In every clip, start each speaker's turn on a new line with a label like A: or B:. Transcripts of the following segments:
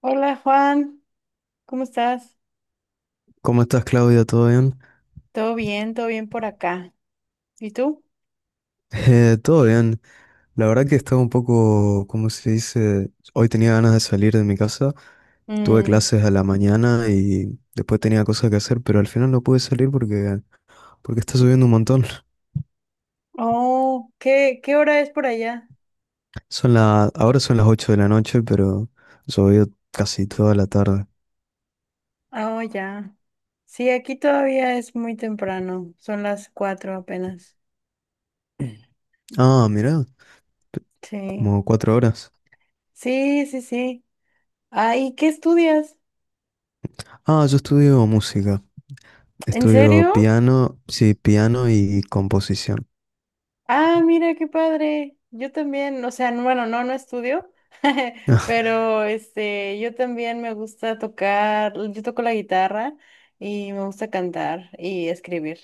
A: Hola Juan, ¿cómo estás?
B: ¿Cómo estás, Claudia? ¿Todo bien?
A: Todo bien por acá. ¿Y tú?
B: Todo bien. La verdad que estaba un poco, ¿cómo se dice? Hoy tenía ganas de salir de mi casa. Tuve
A: Mm,
B: clases a la mañana y después tenía cosas que hacer, pero al final no pude salir porque está lloviendo un montón.
A: Oh, ¿qué hora es por allá?
B: Ahora son las 8 de la noche, pero llovió casi toda la tarde.
A: Ah, Oh, ya. Sí, aquí todavía es muy temprano, son las 4 apenas.
B: Ah, mirá,
A: Sí,
B: como 4 horas.
A: sí, sí, sí. Ah, ¿y qué estudias?
B: Ah, yo estudio música.
A: ¿En
B: Estudio
A: serio?
B: piano, sí, piano y composición.
A: Ah, mira, qué padre. Yo también, o sea, bueno, no, no estudio, pero este, yo también me gusta tocar, yo toco la guitarra y me gusta cantar y escribir.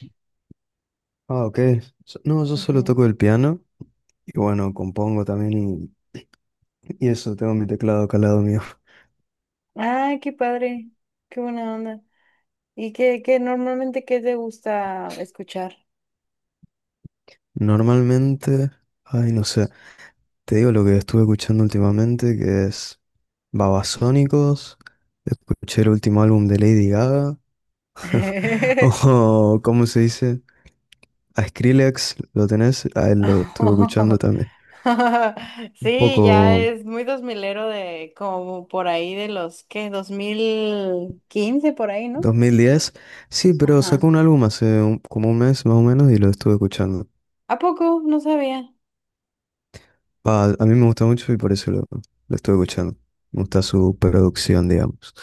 B: Ah, ok. No, yo solo
A: Ujú.
B: toco el piano. Y bueno, compongo también y eso, tengo mi teclado acá al lado mío.
A: Ah, qué padre, qué buena onda. ¿Y qué normalmente qué te gusta escuchar?
B: Normalmente, ay, no sé, te digo lo que estuve escuchando últimamente, que es Babasónicos. Escuché el último álbum de Lady Gaga. O ¿cómo se dice? A Skrillex, ¿lo tenés? A él lo estuve escuchando
A: Oh.
B: también. Un
A: Sí, ya
B: poco
A: es muy dos milero de como por ahí de los que 2015 por ahí, ¿no?
B: 2010, sí, pero
A: Ajá.
B: sacó un álbum hace como un mes más o menos y lo estuve escuchando.
A: ¿A poco? No sabía.
B: Ah, a mí me gusta mucho y por eso lo estoy escuchando. Me gusta su producción, digamos.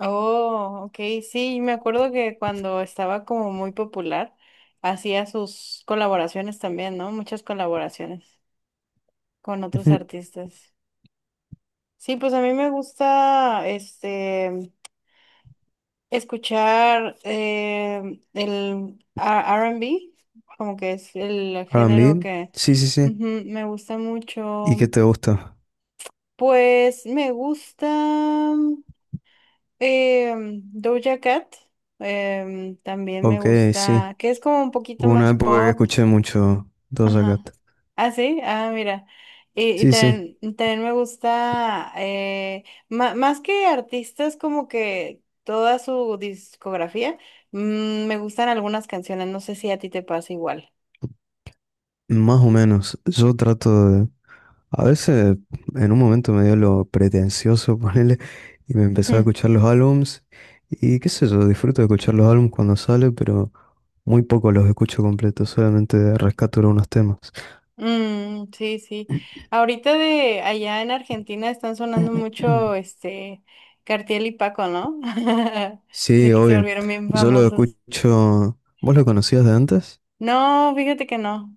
A: Oh, ok, sí, me acuerdo que cuando estaba como muy popular, hacía sus colaboraciones también, ¿no? Muchas colaboraciones con otros
B: Ujú.
A: artistas. Sí, pues a mí me gusta este escuchar el R&B como que es el género
B: R&B,
A: que
B: sí, sí, sí.
A: ujú, me gusta
B: ¿Y qué
A: mucho.
B: te gusta?
A: Pues me gusta. Eh, Doja Cat, también me
B: Ok, sí.
A: gusta, que es como un poquito
B: Hubo una
A: más
B: época que
A: pop.
B: escuché mucho Doja
A: Ajá.
B: Cat.
A: Ah, sí, ah, mira. Y
B: Sí, sí,
A: también, también me gusta, más que artistas, como que toda su discografía, me gustan algunas canciones, no sé si a ti te pasa igual.
B: más o menos. Yo trato de, a veces en un momento me dio lo pretencioso, ponerle y me empezó a escuchar los álbums. Y qué sé yo, disfruto de escuchar los álbums cuando sale, pero muy poco los escucho completos, solamente rescato algunos temas.
A: Mm, sí, sí. Ahorita de allá en Argentina están sonando mucho este Cartiel y Paco, ¿no?
B: Sí,
A: Sé que se
B: obvio.
A: volvieron bien
B: Yo lo
A: famosos.
B: escucho. ¿Vos lo conocías de antes?
A: No, fíjate que no.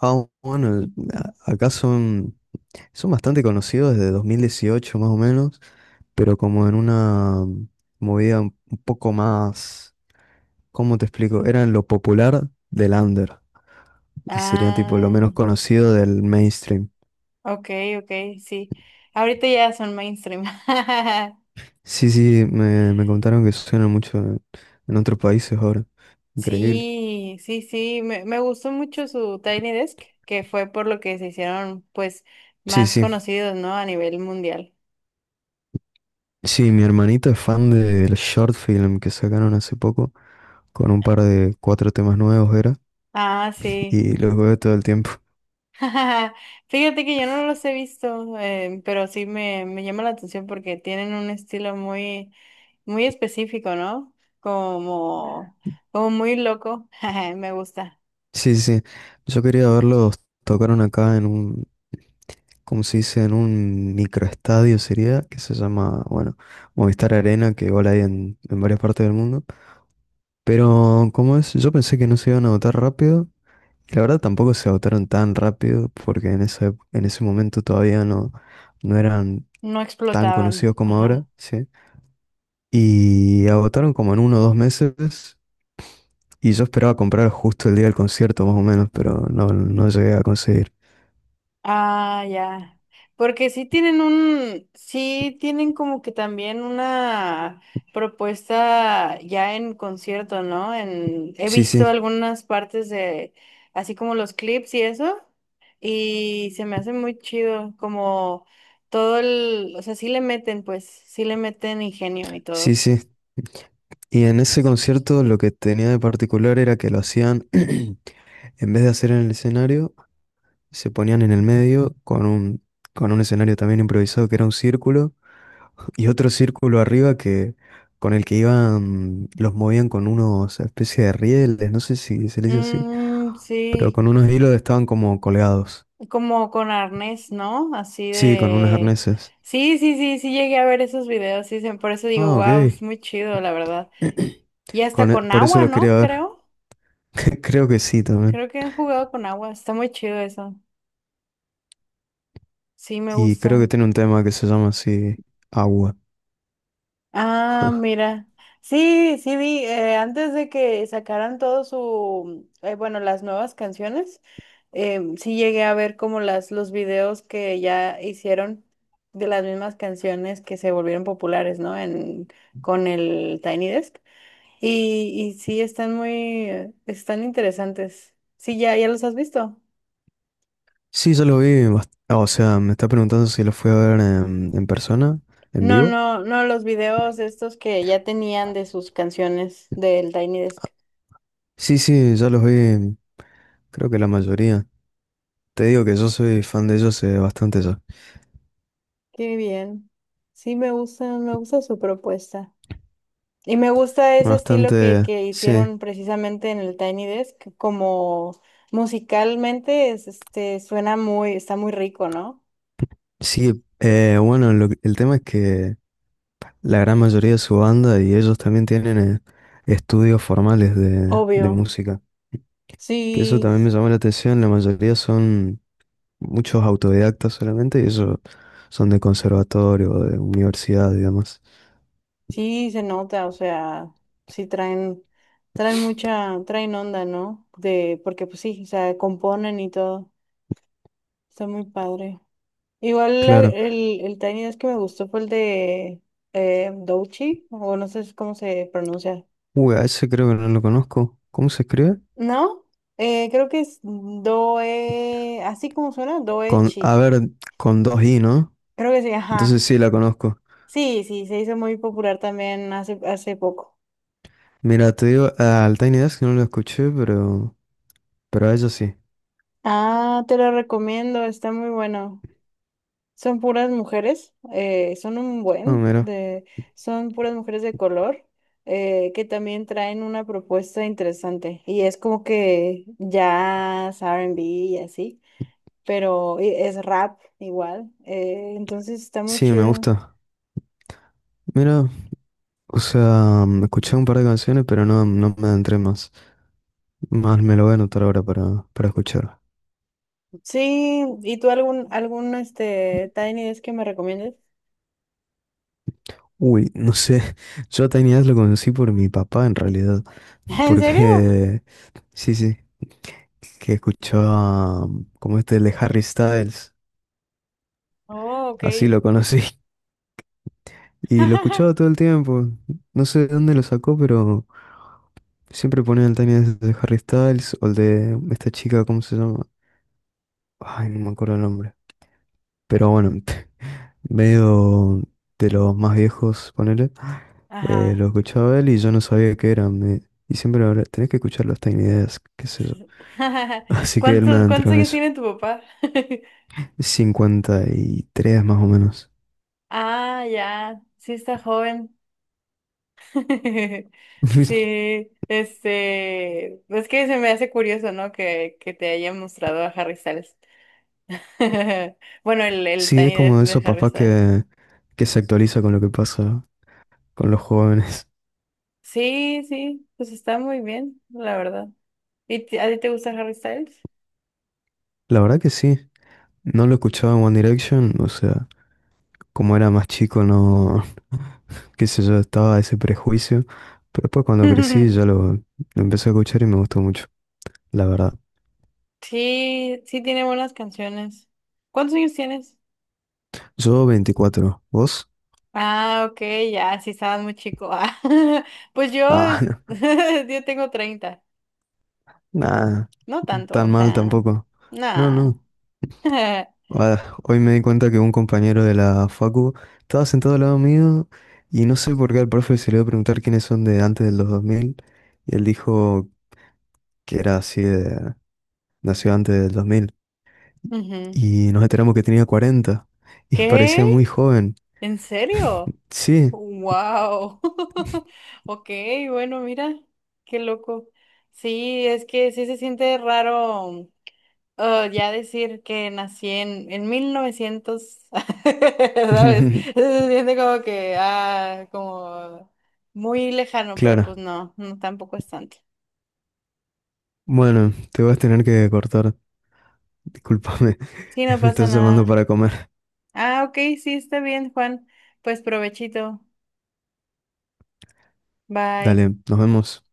B: Ah, bueno, acá son bastante conocidos desde 2018 más o menos, pero como en una movida un poco más. ¿Cómo te explico? Eran lo popular del under y serían tipo lo
A: Ah,
B: menos conocido del mainstream.
A: ok, ok, sí. Ahorita ya son mainstream.
B: Sí, sí, me contaron que suenan mucho en otros países ahora. Increíble.
A: Sí, sí, sí. Me gustó mucho su Tiny Desk, que fue por lo que se hicieron, pues,
B: Sí,
A: más
B: sí.
A: conocidos, ¿no? A nivel mundial.
B: Sí, mi hermanito es fan del short film que sacaron hace poco con un par de cuatro temas nuevos era
A: Ah, sí.
B: y los veo todo el tiempo.
A: Fíjate que yo no los he visto, pero sí me llama la atención porque tienen un estilo muy, muy específico, ¿no? Como, como muy loco. Me gusta.
B: Sí, sí. Sí. Yo quería verlos, tocaron acá en un, como se dice, en un microestadio sería, que se llama, bueno, Movistar Arena, que igual hay en varias partes del mundo. Pero, ¿cómo es? Yo pensé que no se iban a votar rápido. Y la verdad tampoco se votaron tan rápido, porque en ese momento todavía no eran
A: No
B: tan
A: explotaban.
B: conocidos como ahora,
A: Ajá.
B: ¿sí? Y agotaron como en 1 o 2 meses. Y yo esperaba comprar justo el día del concierto, más o menos, pero no llegué a conseguir.
A: Ah, ya. Porque sí tienen como que también una propuesta ya en concierto, ¿no? He
B: Sí,
A: visto
B: sí,
A: algunas partes de, así como los clips y eso. Y se me hace muy chido, como todo el, o sea, sí le meten, pues, sí le meten ingenio y todo.
B: sí, sí. Y en ese concierto lo que tenía de particular era que lo hacían, en vez de hacer en el escenario, se ponían en el medio con un escenario también improvisado que era un círculo y otro círculo arriba que con el que iban, los movían con unos especie de rieles, no sé si se le dice así,
A: Mm,
B: pero
A: sí,
B: con unos hilos estaban como colgados.
A: como con arnés, ¿no? Así
B: Sí, con unos
A: de.
B: arneses.
A: Sí, sí, sí, sí llegué a ver esos videos, sí, por eso digo,
B: Ah, ok.
A: wow, es muy chido, la verdad. Y hasta
B: Con,
A: con
B: por eso
A: agua,
B: los quería
A: ¿no?
B: ver.
A: Creo,
B: Creo que sí también.
A: creo que han jugado con agua, está muy chido eso. Sí, me
B: Y creo que
A: gusta.
B: tiene un tema que se llama así, Agua.
A: Ah, mira. Sí, sí vi, antes de que sacaran todo su, bueno, las nuevas canciones, sí llegué a ver como los videos que ya hicieron de las mismas canciones que se volvieron populares, ¿no? Con el Tiny Desk. Y sí, están están interesantes. Sí, ya los has visto.
B: Sí, yo lo vi. O sea, me está preguntando si lo fui a ver en persona, en
A: No,
B: vivo.
A: no, no, los videos estos que ya tenían de sus canciones del Tiny Desk.
B: Sí, sí, ya los vi, creo que la mayoría. Te digo que yo soy fan de ellos bastante ya.
A: Qué bien. Sí, me gusta su propuesta. Y me gusta ese estilo que,
B: Bastante,
A: que
B: sí.
A: hicieron precisamente en el Tiny Desk, como musicalmente es, este, suena muy, está muy rico, ¿no?
B: Sí, bueno, el tema es que la gran mayoría de su banda y ellos también tienen estudios formales de
A: Obvio.
B: música. Que eso
A: Sí,
B: también me llamó la atención, la mayoría son muchos autodidactas solamente y ellos son de conservatorio, de universidad y demás.
A: sí se nota, o sea, sí traen traen onda, ¿no? Porque pues sí, o sea, componen y todo. Está muy padre. Igual
B: Claro.
A: el Tiny Desk que me gustó fue el de Douchi, o no sé cómo se pronuncia.
B: Uy, a ese creo que no lo conozco. ¿Cómo se escribe?
A: ¿No? Creo que es Doe, así como suena,
B: Con, a
A: Doechi.
B: ver, con dos i, ¿no?
A: Creo que sí,
B: Entonces
A: ajá.
B: sí la conozco.
A: Sí, sí, se hizo muy popular también hace poco.
B: Mira, te digo, al Tiny Desk no lo escuché, pero a ella sí.
A: Ah, te lo recomiendo, está muy bueno. Son puras mujeres,
B: Ah, mira.
A: son puras mujeres de color, que también traen una propuesta interesante. Y es como que jazz, R&B y así, pero y es rap igual. Entonces está muy
B: Sí, me
A: chido.
B: gusta. Mira, o sea, escuché un par de canciones, pero no me adentré más. Más me lo voy a anotar ahora para escuchar.
A: Sí, ¿y tú algún este Tiny Desk que me recomiendes?
B: Uy, no sé. Yo a Tiny Desk lo conocí por mi papá, en realidad.
A: ¿En serio?
B: Porque, sí, sí, que escuchaba como este de Harry Styles.
A: Oh, ok.
B: Así lo conocí. Y lo escuchaba todo el tiempo. No sé de dónde lo sacó, pero siempre ponía el tema de Harry Styles o el de esta chica, ¿cómo se llama? Ay, no me acuerdo el nombre. Pero bueno, medio de los más viejos, ponele.
A: Ajá.
B: Lo escuchaba él y yo no sabía qué era. Y siempre lo hablaba, tenés que escuchar los Tiny Desk, qué sé yo. Así que él me
A: ¿Cuántos
B: adentró en
A: años
B: eso.
A: tiene tu papá?
B: 53 más o menos.
A: Ah, ya, sí está joven. Sí, este, es que se me hace curioso, ¿no? Que te hayan mostrado a Harry Styles. Bueno, el, el,
B: Sí, es
A: Tiny
B: como
A: Desk
B: de
A: de
B: esos
A: Harry
B: papás
A: Styles.
B: que se actualiza con lo que pasa con los jóvenes.
A: Sí, sí, pues está muy bien, la verdad. ¿Y a ti te gusta Harry Styles?
B: La verdad que sí, no lo escuchaba en One Direction, o sea, como era más chico, no, qué sé yo, estaba ese prejuicio, pero después cuando crecí ya lo empecé a escuchar y me gustó mucho, la verdad.
A: Sí, sí tiene buenas canciones. ¿Cuántos años tienes?
B: Yo 24, ¿vos?
A: Ah, ok, ya, sí estabas muy chico. Ah, pues
B: Ah, no,
A: yo tengo 30.
B: nada,
A: No tanto,
B: tan
A: o
B: mal
A: sea,
B: tampoco. No,
A: nada.
B: no. Ah, hoy me di cuenta que un compañero de la facu estaba sentado al lado mío y no sé por qué al profe se le iba a preguntar quiénes son de antes del 2000 y él dijo que era así de, nació antes del 2000
A: Ujú.
B: y nos enteramos que tenía 40 y
A: ¿Qué?
B: parecía muy joven.
A: ¿En serio?
B: Sí,
A: Wow. Ok, bueno, mira, qué loco. Sí, es que sí se siente raro ya decir que nací en 1900 ¿sabes? Se siente como que, como muy lejano, pero pues
B: claro.
A: no, no, tampoco es tanto.
B: Bueno, te vas a tener que cortar. Discúlpame,
A: Sí, no
B: me
A: pasa
B: estás llamando
A: nada.
B: para comer.
A: Ah, ok, sí, está bien, Juan. Pues provechito. Bye.
B: Dale, nos vemos.